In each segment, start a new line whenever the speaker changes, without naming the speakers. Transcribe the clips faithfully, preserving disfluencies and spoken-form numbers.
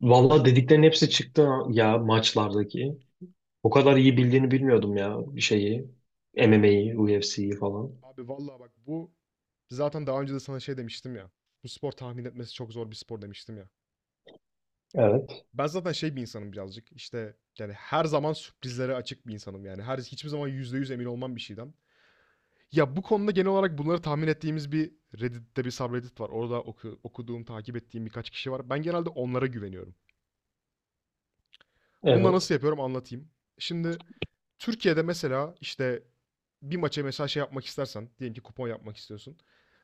Valla dediklerin hepsi çıktı ya maçlardaki. O kadar iyi bildiğini bilmiyordum ya şeyi. M M A'yi, U F C'yi falan.
Abi vallahi bak bu zaten daha önce de sana şey demiştim ya. Bu spor tahmin etmesi çok zor bir spor demiştim ya.
Evet.
Ben zaten şey bir insanım birazcık. İşte yani her zaman sürprizlere açık bir insanım yani. Her hiçbir zaman yüzde yüz emin olmam bir şeyden. Ya bu konuda genel olarak bunları tahmin ettiğimiz bir Reddit'te bir subreddit var. Orada oku- okuduğum, takip ettiğim birkaç kişi var. Ben genelde onlara güveniyorum. Bunu da
Evet.
nasıl yapıyorum anlatayım. Şimdi Türkiye'de mesela işte bir maça mesela şey yapmak istersen, diyelim ki kupon yapmak istiyorsun.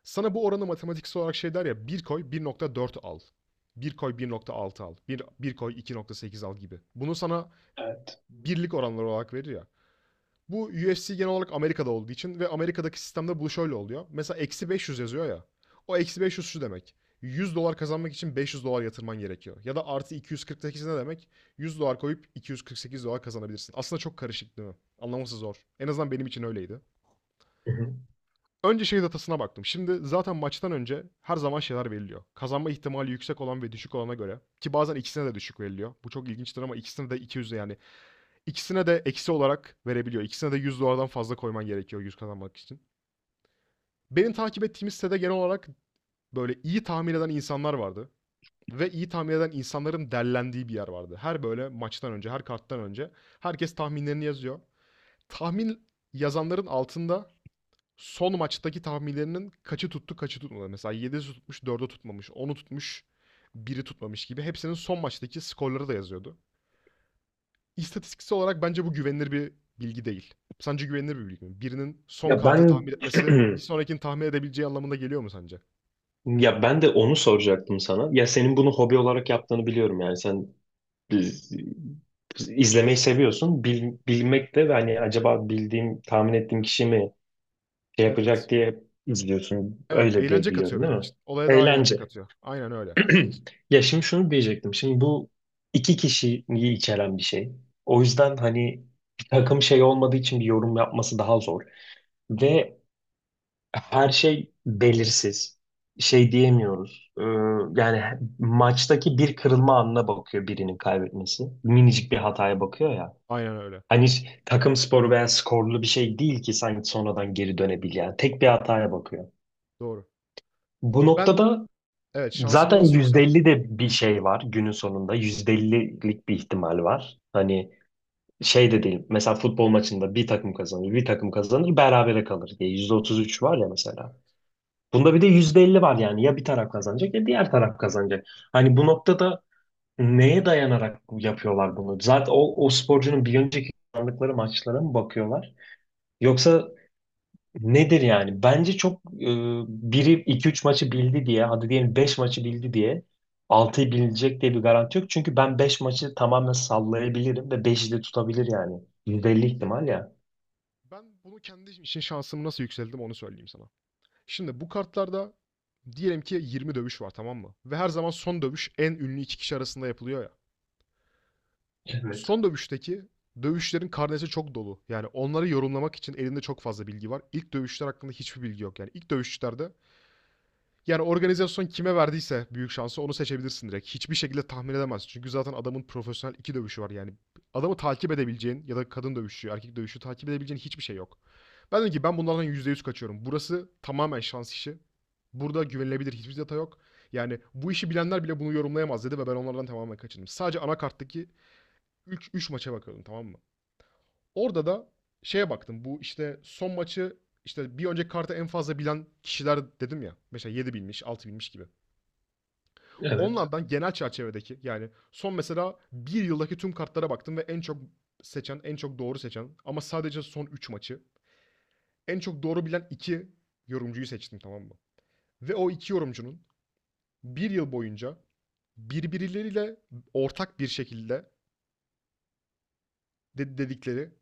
Sana bu oranı matematiksel olarak şey der ya, bir koy bir nokta dört al. Bir koy bir nokta altı al. Bir, bir koy iki nokta sekiz al gibi. Bunu sana
Evet.
birlik oranları olarak verir ya. Bu U F C genel olarak Amerika'da olduğu için ve Amerika'daki sistemde bu şöyle oluyor. Mesela eksi beş yüz yazıyor ya. O eksi beş yüz şu demek. yüz dolar kazanmak için beş yüz dolar yatırman gerekiyor. Ya da artı iki yüz kırk sekiz ne demek? yüz dolar koyup iki yüz kırk sekiz dolar kazanabilirsin. Aslında çok karışık, değil mi? Anlaması zor. En azından benim için öyleydi.
Hı hı.
Önce şey datasına baktım. Şimdi zaten maçtan önce her zaman şeyler veriliyor. Kazanma ihtimali yüksek olan ve düşük olana göre. Ki bazen ikisine de düşük veriliyor. Bu çok ilginçtir ama ikisine de iki yüz yani İkisine de eksi olarak verebiliyor. İkisine de yüz dolardan fazla koyman gerekiyor yüz kazanmak için. Benim takip ettiğim sitede genel olarak böyle iyi tahmin eden insanlar vardı. Ve iyi tahmin eden insanların derlendiği bir yer vardı. Her böyle maçtan önce, her karttan önce herkes tahminlerini yazıyor. Tahmin yazanların altında son maçtaki tahminlerinin kaçı tuttu, kaçı tutmadı. Mesela yedisi tutmuş, dördü tutmamış, onu tutmuş, biri tutmamış gibi. Hepsinin son maçtaki skorları da yazıyordu. İstatistiksel olarak bence bu güvenilir bir bilgi değil. Sence güvenilir bir bilgi mi? Birinin son
Ya
kartı
ben
tahmin etmesi bir sonrakini tahmin edebileceği anlamına geliyor mu sence?
ya ben de onu soracaktım sana. Ya senin bunu hobi olarak yaptığını biliyorum yani sen biz- biz- izlemeyi seviyorsun. Bil- bilmek de hani acaba bildiğim, tahmin ettiğim kişi mi şey yapacak
Evet.
diye izliyorsun.
Evet,
Öyle diye
eğlence katıyor
biliyorum değil
benim
mi?
için. Olaya daha eğlence
Eğlence.
katıyor. Aynen öyle.
Ya şimdi şunu diyecektim. Şimdi bu iki kişiyi içeren bir şey. O yüzden hani bir takım şey olmadığı için bir yorum yapması daha zor. Ve her şey belirsiz. Şey diyemiyoruz. Ee, yani maçtaki bir kırılma anına bakıyor birinin kaybetmesi. Minicik bir
Aynen
hataya
öyle.
bakıyor ya.
Aynen öyle.
Hani hiç takım sporu veya skorlu bir şey değil ki sanki sonradan geri dönebilen. Tek bir hataya bakıyor.
Doğru.
Bu
Ben
noktada
evet, şansımı
zaten
nasıl
yüzde elli
yükselttim?
de bir şey var günün sonunda. yüzde ellilik bir ihtimal var. Hani şey de değil. Mesela futbol maçında bir takım kazanır, bir takım kazanır, berabere kalır diye. Yüzde otuz üç var ya mesela. Bunda bir de yüzde elli var yani. Ya bir taraf kazanacak ya diğer taraf kazanacak. Hani bu noktada neye dayanarak yapıyorlar bunu? Zaten o, o sporcunun bir önceki kazandıkları maçlara mı bakıyorlar? Yoksa nedir yani? Bence çok e, biri iki üç maçı bildi diye, hadi diyelim beş maçı bildi diye altıyı bilecek diye bir garanti yok. Çünkü ben beş maçı tamamen sallayabilirim ve beşi de tutabilir yani. yüzde elli
Evet.
ihtimal ya.
Ben bunu kendi için şansımı nasıl yükselttim onu söyleyeyim sana. Şimdi bu kartlarda diyelim ki yirmi dövüş var, tamam mı? Ve her zaman son dövüş en ünlü iki kişi arasında yapılıyor ya.
Evet,
Son dövüşteki dövüşlerin karnesi çok dolu. Yani onları yorumlamak için elinde çok fazla bilgi var. İlk dövüşler hakkında hiçbir bilgi yok. Yani ilk dövüşçülerde yani organizasyon kime verdiyse büyük şansı onu seçebilirsin direkt. Hiçbir şekilde tahmin edemezsin. Çünkü zaten adamın profesyonel iki dövüşü var. Yani adamı takip edebileceğin ya da kadın dövüşü, erkek dövüşü takip edebileceğin hiçbir şey yok. Ben dedim ki ben bunlardan yüzde yüz kaçıyorum. Burası tamamen şans işi. Burada güvenilebilir hiçbir data yok. Yani bu işi bilenler bile bunu yorumlayamaz dedi ve ben onlardan tamamen kaçındım. Sadece anakarttaki üç üç maça bakıyordum, tamam mı? Orada da şeye baktım. Bu işte son maçı işte bir önceki kartı en fazla bilen kişiler dedim ya. Mesela yedi bilmiş, altı bilmiş gibi.
evet.
Onlardan genel çerçevedeki yani son mesela bir yıldaki tüm kartlara baktım ve en çok seçen, en çok doğru seçen ama sadece son üç maçı en çok doğru bilen iki yorumcuyu seçtim, tamam mı? Ve o iki yorumcunun bir yıl boyunca birbirleriyle ortak bir şekilde dedikleri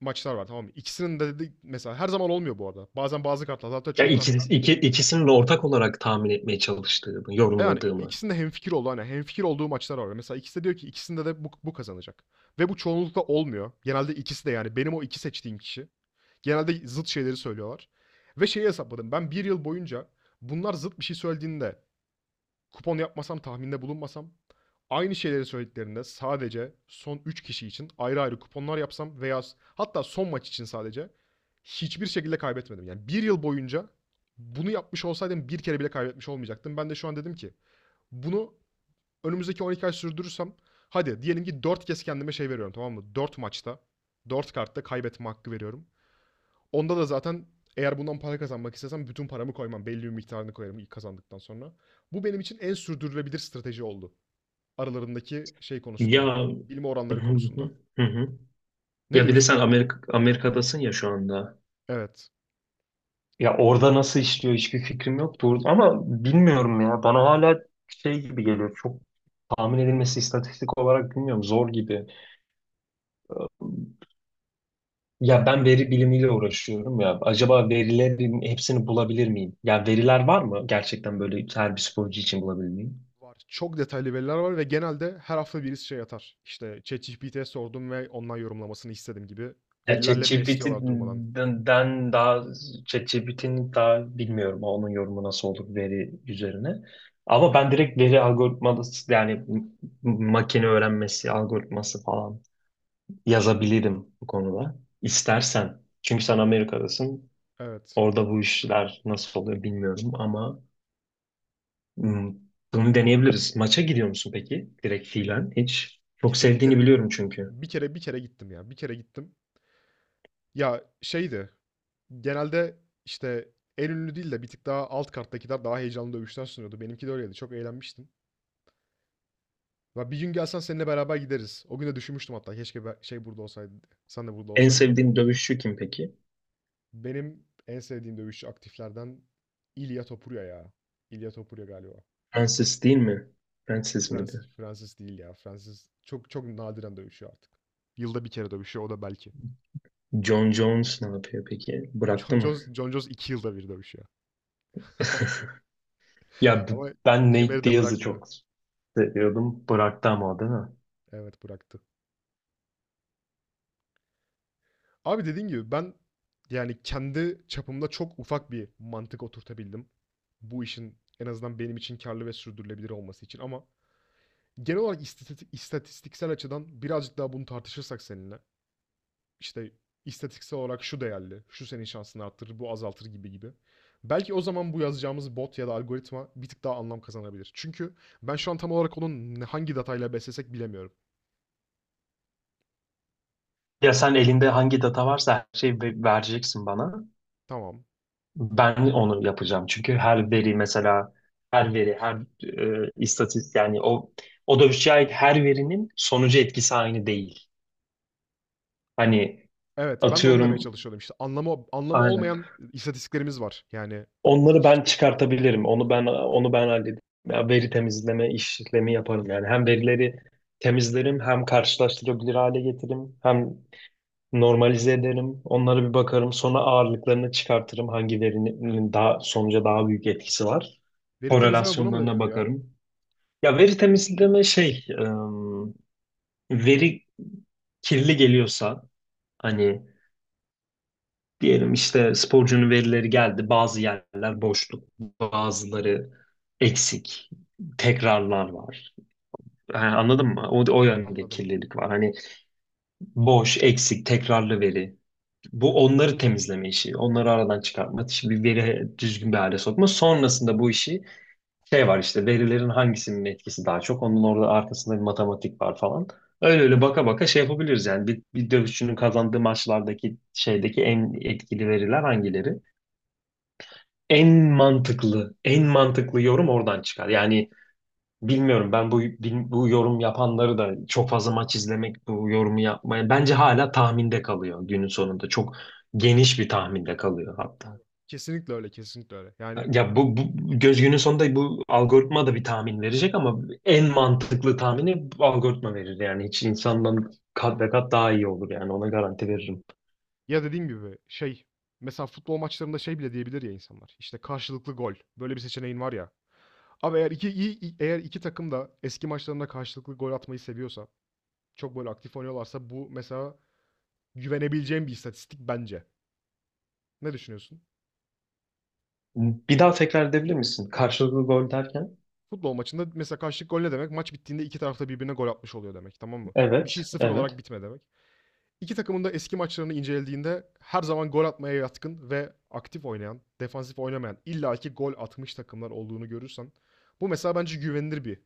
maçlar var, tamam mı? İkisinin de de mesela her zaman olmuyor bu arada. Bazen bazı kartlar, hatta
Ya
çoğu
iki,
kartlar.
iki, ikisinin de ortak olarak tahmin etmeye çalıştığımı,
Yani
yorumladığımı.
ikisinde hemfikir oldu. Hani hemfikir olduğu maçlar var. Mesela ikisi de diyor ki ikisinde de bu, bu kazanacak. Ve bu çoğunlukla olmuyor. Genelde ikisi de yani benim o iki seçtiğim kişi. Genelde zıt şeyleri söylüyorlar. Ve şeyi hesapladım. Ben bir yıl boyunca bunlar zıt bir şey söylediğinde kupon yapmasam, tahminde bulunmasam, aynı şeyleri söylediklerinde sadece son üç kişi için ayrı ayrı kuponlar yapsam veya hatta son maç için sadece hiçbir şekilde kaybetmedim. Yani bir yıl boyunca bunu yapmış olsaydım bir kere bile kaybetmiş olmayacaktım. Ben de şu an dedim ki bunu önümüzdeki on iki ay sürdürürsem hadi diyelim ki dört kez kendime şey veriyorum, tamam mı? Dört maçta dört kartta kaybetme hakkı veriyorum. Onda da zaten eğer bundan para kazanmak istesem bütün paramı koymam. Belli bir miktarını koyarım ilk kazandıktan sonra. Bu benim için en sürdürülebilir strateji oldu. Aralarındaki şey
Ya
konusunda. Bilme
hı
oranları
hı,
konusunda.
hı hı.
Ne
Ya bir de
diyorsun?
sen Amerika, Amerika'dasın ya şu anda.
Evet.
Ya orada nasıl işliyor hiçbir fikrim yok. Doğru. Ama bilmiyorum ya. Bana hala şey gibi geliyor. Çok tahmin edilmesi istatistik olarak bilmiyorum. Zor gibi. Ya ben veri bilimiyle uğraşıyorum ya. Acaba verilerin hepsini bulabilir miyim? Ya veriler var mı? Gerçekten böyle her bir sporcu için bulabilir miyim?
Var. Çok detaylı veriler var ve genelde her hafta birisi şey atar. İşte ChatGPT'ye sordum ve ondan yorumlamasını istedim gibi.
Ya
Verilerle besliyorlar durmadan.
ChatGPT'den daha ChatGPT'nin daha bilmiyorum onun yorumu nasıl olur veri üzerine. Ama ben direkt veri algoritması yani m- makine öğrenmesi algoritması falan yazabilirim bu konuda. İstersen. Çünkü sen Amerika'dasın.
Evet.
Orada bu işler nasıl oluyor bilmiyorum ama hmm, bunu deneyebiliriz. Maça gidiyor musun peki? Direkt fiilen hiç. Çok
Gittim bir
sevdiğini
kere
biliyorum çünkü.
bir kere bir kere gittim ya. Bir kere gittim. Ya şeydi. Genelde, işte, en ünlü değil de bir tık daha alt karttakiler daha heyecanlı dövüşler sunuyordu. Benimki de öyleydi. Çok eğlenmiştim. Ya, bir gün gelsen seninle beraber gideriz. O gün de düşünmüştüm hatta keşke be şey burada olsaydı diye, sen de burada
En
olsaydın diye.
sevdiğin dövüşçü kim peki?
Benim en sevdiğim dövüşçü aktiflerden İlya Topuria ya. İlya Topuria galiba.
Francis değil mi? Francis
Francis
miydi?
Francis değil ya. Francis çok çok nadiren dövüşüyor artık. Yılda bir kere dövüşüyor o da belki.
John Jones ne yapıyor peki?
John
Bıraktı mı?
Jones Jon Jones iki yılda bir dövüşüyor.
Ya b-
Ama
ben Nate
kemeri de
Diaz'ı
bırakmıyor.
çok seviyordum. Bıraktı ama o değil mi?
Evet, bıraktı. Abi dediğin gibi ben yani kendi çapımda çok ufak bir mantık oturtabildim. Bu işin en azından benim için karlı ve sürdürülebilir olması için ama genel olarak istatistik, istatistiksel açıdan birazcık daha bunu tartışırsak seninle işte istatistiksel olarak şu değerli, şu senin şansını arttırır, bu azaltır gibi gibi. Belki o zaman bu yazacağımız bot ya da algoritma bir tık daha anlam kazanabilir. Çünkü ben şu an tam olarak onun hangi datayla beslesek bilemiyorum.
Ya sen elinde hangi data varsa her şeyi ve- vereceksin bana.
Tamam.
Ben onu yapacağım. Çünkü her veri mesela her veri, her e, istatistik yani o o dövüşçüye ait her verinin sonucu etkisi aynı değil. Hani
Evet, ben de onu demeye
atıyorum
çalışıyordum. İşte Anlamı anlamı
aynen.
olmayan istatistiklerimiz var. Yani
Onları ben
hiçbir
çıkartabilirim. Onu ben onu ben hallederim. Ya veri temizleme işlemi yaparım yani. Hem verileri temizlerim, hem karşılaştırabilir hale getiririm, hem normalize ederim. Onlara bir bakarım. Sonra ağırlıklarını çıkartırım. Hangi verinin daha sonuca daha büyük etkisi var,
veri temizleme buna mı
korelasyonlarına
deniyordu ya?
bakarım. Ya veri temizleme şey, ım, veri kirli geliyorsa hani diyelim işte sporcunun verileri geldi, bazı yerler boşluk, bazıları eksik, tekrarlar var. Yani anladın mı? O, o yönde
Anladım.
kirlilik var. Hani boş, eksik, tekrarlı veri. Bu onları temizleme işi, onları aradan çıkartma, işi bir veri düzgün bir hale sokma. Sonrasında bu işi şey var işte verilerin hangisinin etkisi daha çok onun orada arkasında bir matematik var falan. Öyle öyle baka baka şey yapabiliriz yani bir, bir dövüşçünün kazandığı maçlardaki şeydeki en etkili veriler hangileri? En mantıklı, en mantıklı yorum oradan çıkar. Yani bilmiyorum ben bu bil- bu yorum yapanları da çok fazla maç izlemek bu yorumu yapmaya bence hala tahminde kalıyor günün sonunda. Çok geniş bir tahminde kalıyor hatta.
Doğru. Kesinlikle öyle, kesinlikle öyle. Yani
Ya bu, bu göz günün sonunda bu algoritma da bir tahmin verecek ama en mantıklı tahmini bu algoritma verir. Yani hiç insandan
evet.
kat ve kat daha iyi olur yani ona garanti veririm.
Ya dediğim gibi şey mesela futbol maçlarında şey bile diyebilir ya insanlar. İşte karşılıklı gol. Böyle bir seçeneğin var ya. Abi eğer iki iyi iyi- eğer iki takım da eski maçlarında karşılıklı gol atmayı seviyorsa, çok böyle aktif oynuyorlarsa bu mesela güvenebileceğim bir istatistik bence. Ne düşünüyorsun?
Bir daha tekrar edebilir misin? Karşılıklı gol derken?
Futbol maçında mesela karşılık gol ne demek? Maç bittiğinde iki tarafta birbirine gol atmış oluyor demek, tamam mı? Bir şey
Evet,
sıfır olarak
evet,
bitme demek. İki takımın da eski maçlarını incelediğinde her zaman gol atmaya yatkın ve aktif oynayan, defansif oynamayan, illaki gol atmış takımlar olduğunu görürsen bu mesela bence güvenilir bir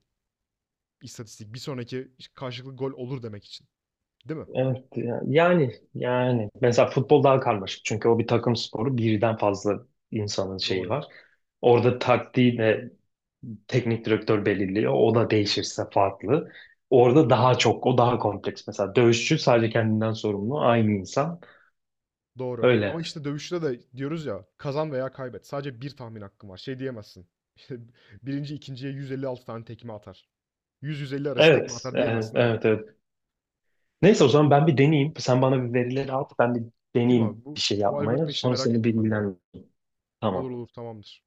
istatistik. Bir sonraki karşılıklı gol olur demek için, değil mi?
evet. Yani, yani mesela futbol daha karmaşık çünkü o bir takım sporu birden fazla insanın şeyi
Doğru.
var. Orada taktiği de teknik direktör belirliyor. O da değişirse farklı. Orada daha çok, o daha kompleks. Mesela dövüşçü sadece kendinden sorumlu, aynı insan.
Doğru. Ama
Öyle.
işte dövüşte de diyoruz ya kazan veya kaybet. Sadece bir tahmin hakkın var. Şey diyemezsin. Birinci ikinciye yüz elli altı tane tekme atar. yüz yüz elli arası tekme
Evet,
atar
evet,
diyemezsin, evet.
evet. evet. Neyse o zaman ben bir deneyeyim. Sen bana bir verileri at, ben bir
Atayım
deneyeyim
abi. Bu,
bir şey
bu
yapmaya.
algoritma işini
Sonra
merak
seni
ettim ben de ya.
bilgilendireyim.
Olur
Tamam.
olur tamamdır.